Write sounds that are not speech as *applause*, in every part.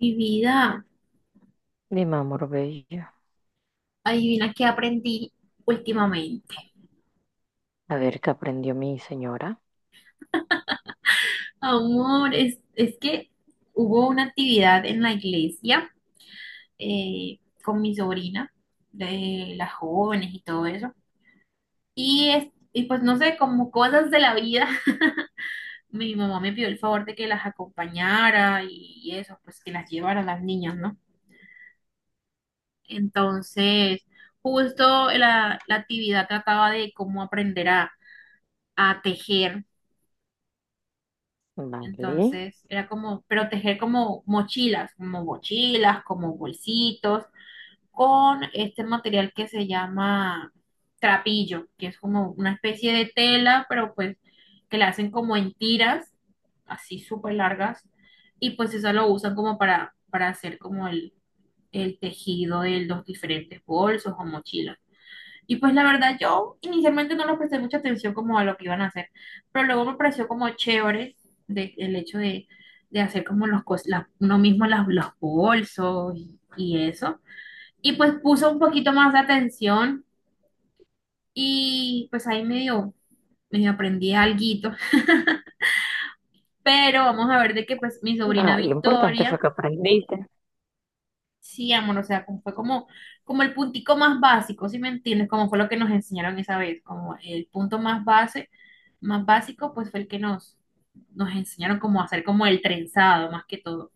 Mi vida, Mi amor bello. adivina qué aprendí últimamente. A ver qué aprendió mi señora. Amor, es que hubo una actividad en la iglesia eh, con mi sobrina, de las jóvenes y todo eso. Y, pues no sé, como cosas de la vida, *laughs* mi mamá me pidió el favor de que las acompañara y eso, pues que las llevara a las niñas, ¿no? Entonces, justo la actividad trataba de cómo aprender a tejer. Vale. Entonces era como proteger como mochilas, como mochilas, como bolsitos, con este material que se llama trapillo, que es como una especie de tela, pero pues que la hacen como en tiras, así súper largas, y pues eso lo usan como para hacer como el tejido de los diferentes bolsos o mochilas. Y pues la verdad yo inicialmente no les presté mucha atención como a lo que iban a hacer, pero luego me pareció como chévere de, el hecho de hacer como los uno mismo las, los bolsos y eso. Y pues puse un poquito más de atención y pues ahí medio, medio aprendí alguito. Pero vamos a ver de que pues mi sobrina Nada, lo importante fue Victoria. que aprendiste. Sí, amor, o sea, fue como, como el puntico más básico, ¿sí me entiendes? Como fue lo que nos enseñaron esa vez, como el punto más base, más básico, pues fue el que nos, nos enseñaron como a hacer como el trenzado, más que todo.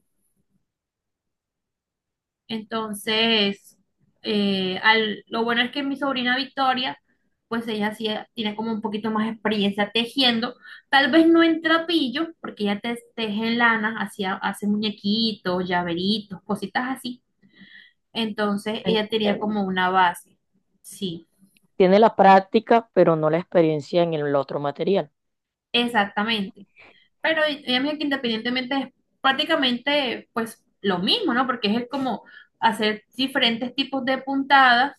Entonces, lo bueno es que mi sobrina Victoria, pues ella sí tiene como un poquito más experiencia tejiendo, tal vez no en trapillo, porque ella teje en lana, hacía, hace muñequitos, llaveritos, cositas así. Entonces En- ella tenía en- como una base. Sí, Tiene la práctica, pero no la experiencia en el otro material. exactamente. Pero ella me dijo que independientemente es prácticamente pues lo mismo, ¿no? Porque es el como hacer diferentes tipos de puntadas,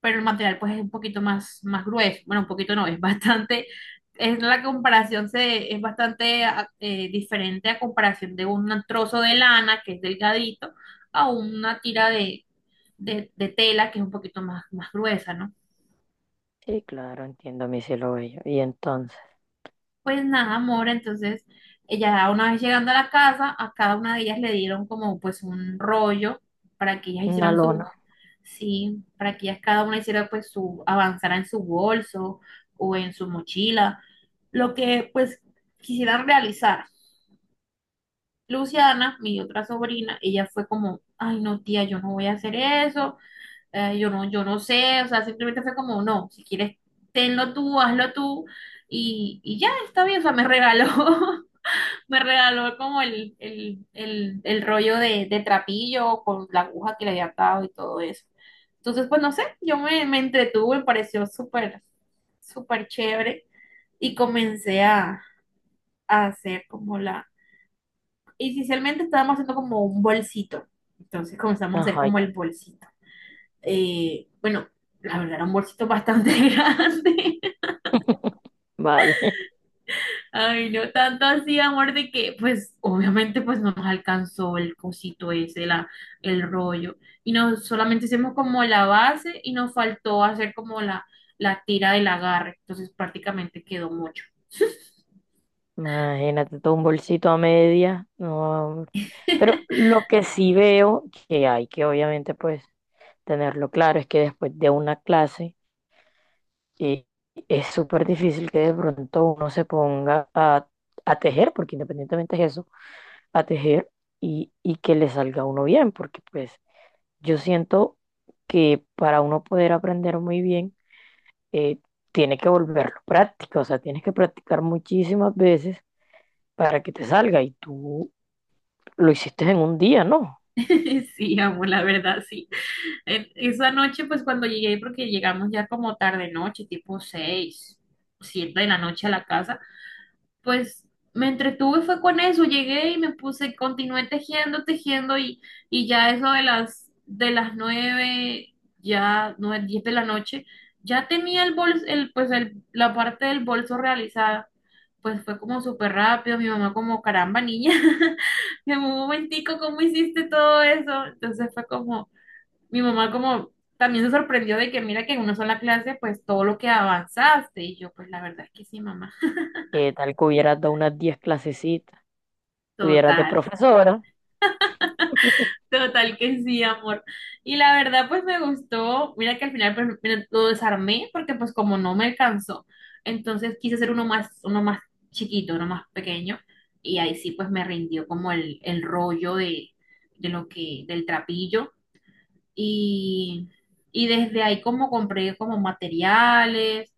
pero el material pues es un poquito más, más grueso. Bueno, un poquito no, es bastante, es bastante diferente a comparación de un trozo de lana que es delgadito a una tira de, de tela que es un poquito más, más gruesa, ¿no? Sí, claro, entiendo, mi cielo bello. Y entonces, Pues nada, amor, entonces ella una vez llegando a la casa, a cada una de ellas le dieron como pues un rollo para que ellas una hicieran lona. sus, sí, para que ellas cada una hiciera pues su, avanzara en su bolso o en su mochila, lo que pues quisieran realizar. Luciana, mi otra sobrina, ella fue como, ay no tía, yo no voy a hacer eso, yo no, yo no sé, o sea, simplemente fue como, no, si quieres, tenlo tú, hazlo tú, y ya está bien, o sea, me regaló. *laughs* Me regaló como el rollo de trapillo con la aguja que le había atado y todo eso. Entonces, pues no sé, yo me, me entretuve, me pareció súper, súper chévere y comencé a hacer como la... Inicialmente estábamos haciendo como un bolsito, entonces comenzamos a hacer Ajá, como el bolsito. Bueno, la verdad era un bolsito bastante *laughs* grande. vale. *laughs* Ay, no tanto así, amor, de que, pues, obviamente, pues no nos alcanzó el cosito ese, la, el rollo. Y no solamente hicimos como la base y nos faltó hacer como la tira del agarre. Entonces, prácticamente quedó mucho. Imagínate todo un bolsito a media. No. Pero *laughs* lo que sí veo que hay que obviamente pues tenerlo claro es que después de una clase. Y es súper difícil que de pronto uno se ponga a tejer, porque independientemente es eso, a tejer y que le salga a uno bien, porque pues yo siento que para uno poder aprender muy bien, eh, tiene que volverlo práctica, o sea, tienes que practicar muchísimas veces para que te salga y tú lo hiciste en un día, ¿no? Sí, amor, la verdad, sí. Esa noche, pues, cuando llegué, porque llegamos ya como tarde noche, tipo seis, siete de la noche a la casa. Pues me entretuve fue con eso, llegué y me puse, continué tejiendo, tejiendo y ya eso de las nueve, ya nueve, diez de la noche, ya tenía el bolso, el, pues el, la parte del bolso realizada. Pues fue como súper rápido, mi mamá como, caramba, niña, *laughs* en un momentico, ¿cómo hiciste todo eso? Entonces fue como, mi mamá como también se sorprendió de que mira que en una sola clase, pues todo lo que avanzaste, y yo, pues la verdad es que sí, mamá, Tal que hubieras dado unas 10 clasecitas, tuvieras de total. profesora Total que sí, amor. Y la verdad, pues me gustó. Mira que al final pues, mira, lo desarmé porque pues como no me alcanzó, entonces quise hacer uno más chiquito, uno más pequeño. Y ahí sí pues me rindió como el rollo de lo que, del trapillo. Y, y desde ahí como compré como materiales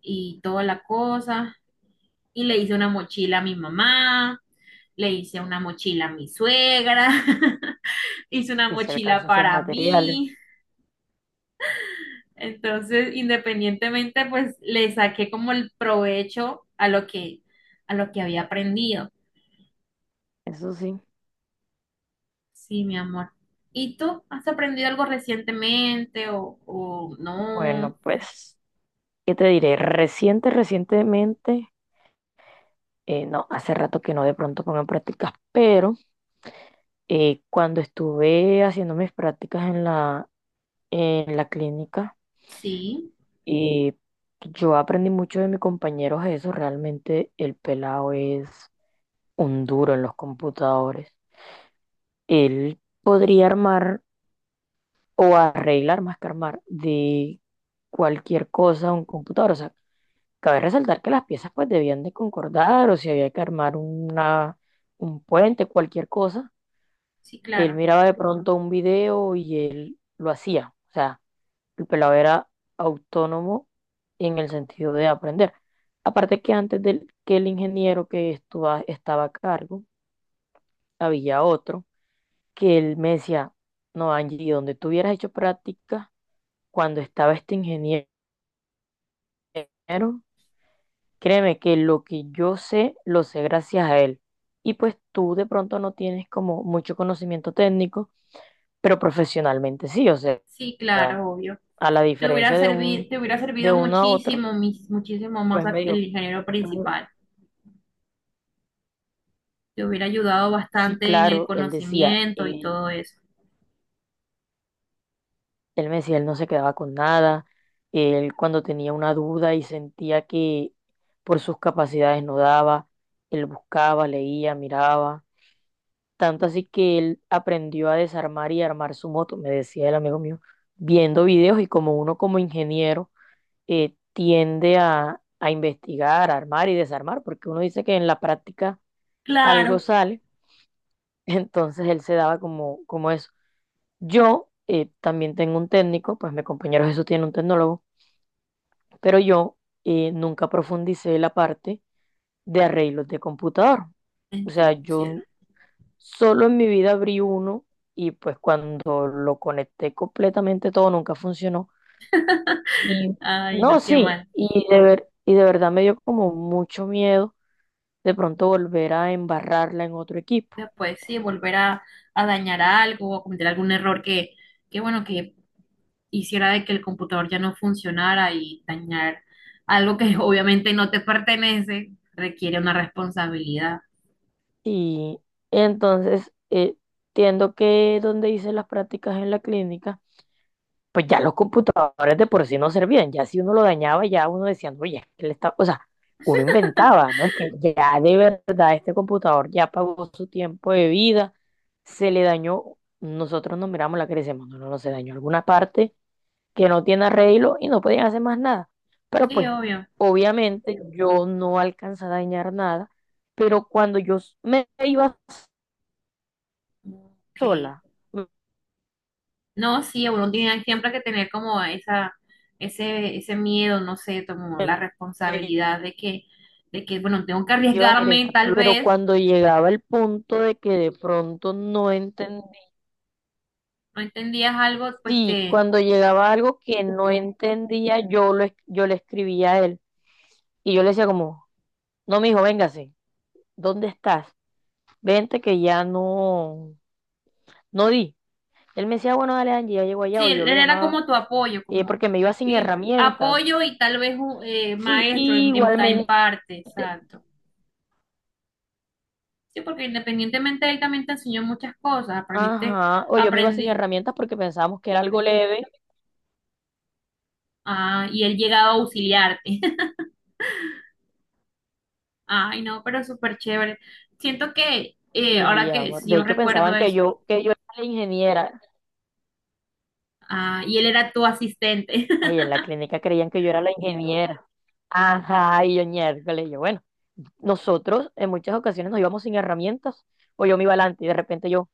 y toda la cosa. Y le hice una mochila a mi mamá, le hice una mochila a mi suegra. *laughs* Hice una y se alcanzó mochila esos para materiales, mí. Entonces, independientemente, pues le saqué como el provecho a lo que había aprendido. eso sí. Sí, mi amor. ¿Y tú has aprendido algo recientemente o no? Bueno, pues ¿qué te diré? Recientemente, no, hace rato que no de pronto pongo en prácticas, pero cuando estuve haciendo mis prácticas en la, clínica, Sí, eh, yo aprendí mucho de mis compañeros eso. Realmente el pelado es un duro en los computadores. Él podría armar o arreglar más que armar de cualquier cosa un computador. O sea, cabe resaltar que las piezas pues debían de concordar o si había que armar un puente, cualquier cosa. sí, Él claro. miraba de pronto un video y él lo hacía. O sea, el pelado era autónomo en el sentido de aprender. Aparte que antes del que el ingeniero que estaba a cargo, había otro que él me decía, no, Angie, donde tú hubieras hecho práctica cuando estaba este ingeniero, créeme que lo que yo sé, lo sé gracias a él. Y pues tú de pronto no tienes como mucho conocimiento técnico, pero profesionalmente sí, o sea, Sí, claro, obvio. a la diferencia Te hubiera de servido uno a otro, muchísimo, muchísimo más pues me el dijo, ingeniero principal. Te hubiera ayudado sí, bastante en el claro, él decía, conocimiento y él, todo eso. él me decía, él no se quedaba con nada, él cuando tenía una duda y sentía que por sus capacidades no daba, él buscaba, leía, miraba. Tanto así que él aprendió a desarmar y armar su moto, me decía el amigo mío, viendo videos y como uno como ingeniero tiende a investigar, armar y desarmar, porque uno dice que en la práctica algo Claro, sale, *laughs* entonces él se daba como eso. Yo también tengo un técnico, pues mi compañero Jesús tiene un tecnólogo, pero yo nunca profundicé la parte de arreglos de computador. O sea, entiendo, cielo. yo solo en mi vida abrí uno y pues cuando lo conecté completamente todo nunca funcionó. Y Ay, no, no, qué sí, mal. y de ver, y de verdad me dio como mucho miedo de pronto volver a embarrarla en otro equipo. Después sí, volver a dañar algo o cometer algún error que, bueno, que hiciera de que el computador ya no funcionara y dañar algo que *laughs* obviamente no te pertenece, requiere una responsabilidad. Y entonces entiendo que donde hice las prácticas en la clínica, pues ya los computadores de por sí no servían, ya si uno lo dañaba, ya uno decía, no, oye, es que él está, o sea, uno inventaba, ¿no? Es que ya de verdad este computador ya pagó su tiempo de vida, se le dañó, nosotros nos miramos la cara y decimos, no, no, no, se dañó alguna parte que no tiene arreglo y no podían hacer más nada. Pero Sí, pues, obvio. obviamente yo no alcanza a dañar nada, pero cuando yo me iba Ok. sola, No, sí, uno tiene siempre que tener como esa, ese miedo, no sé, como la responsabilidad de que, bueno, tengo que iba a hacer arriesgarme, esta, tal pero vez, cuando llegaba el punto de que de pronto no entendía, no entendías algo, pues sí, te. cuando llegaba algo que no entendía, yo le escribía a él y yo le decía como, no, mijo, véngase, ¿dónde estás? Vente que ya no, no di. Él me decía, bueno, dale, Angie, ya llego allá, Sí, o él yo lo él era llamaba, como tu apoyo, como porque me iba sin y herramientas. apoyo y tal vez un, Sí, maestro y en, en igualmente, parte, exacto. Sí, porque independientemente él también te enseñó muchas cosas, aprendiste, ajá, o yo me iba sin aprendí, herramientas porque pensábamos que era algo leve. ah, y él llegaba a auxiliarte. *laughs* Ay, no, pero súper chévere. Siento que Sí, ahora que amor. sí, De yo hecho, recuerdo pensaban que eso, yo, que yo era la ingeniera. ah, y él era tu asistente. *laughs* Ahí en la clínica creían que yo era la ingeniera. Ajá, y yo miércoles, bueno, nosotros en muchas ocasiones nos íbamos sin herramientas, o yo me iba adelante y de repente yo,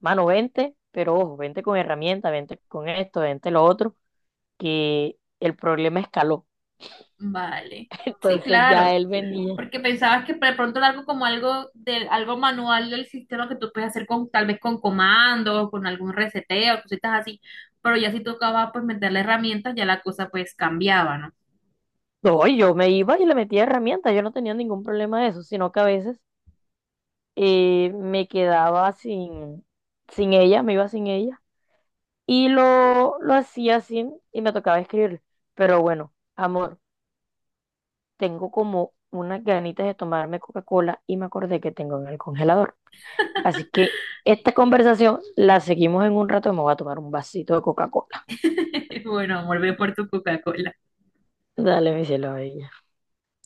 mano, vente, pero ojo, vente con herramientas, vente con esto, vente lo otro, que el problema escaló. Vale, *laughs* sí, Entonces ya claro. él venía. Porque pensabas que de pronto era algo como algo del algo manual del sistema que tú puedes hacer con tal vez con comandos, con algún reseteo, cositas así. Pero ya si tocaba pues meterle herramientas, ya la cosa pues cambiaba, ¿no? No, yo me iba y le metía herramientas, yo no tenía ningún problema de eso, sino que a veces me quedaba sin, ella, me iba sin ella. Y lo hacía así y me tocaba escribirle. Pero bueno, amor, tengo como unas ganitas de tomarme Coca-Cola y me acordé que tengo en el congelador. Así que esta conversación la seguimos en un rato y me voy a tomar un vasito de Coca-Cola. *laughs* Bueno, volvé por tu Coca-Cola. Dale, mi cielo. Ahí.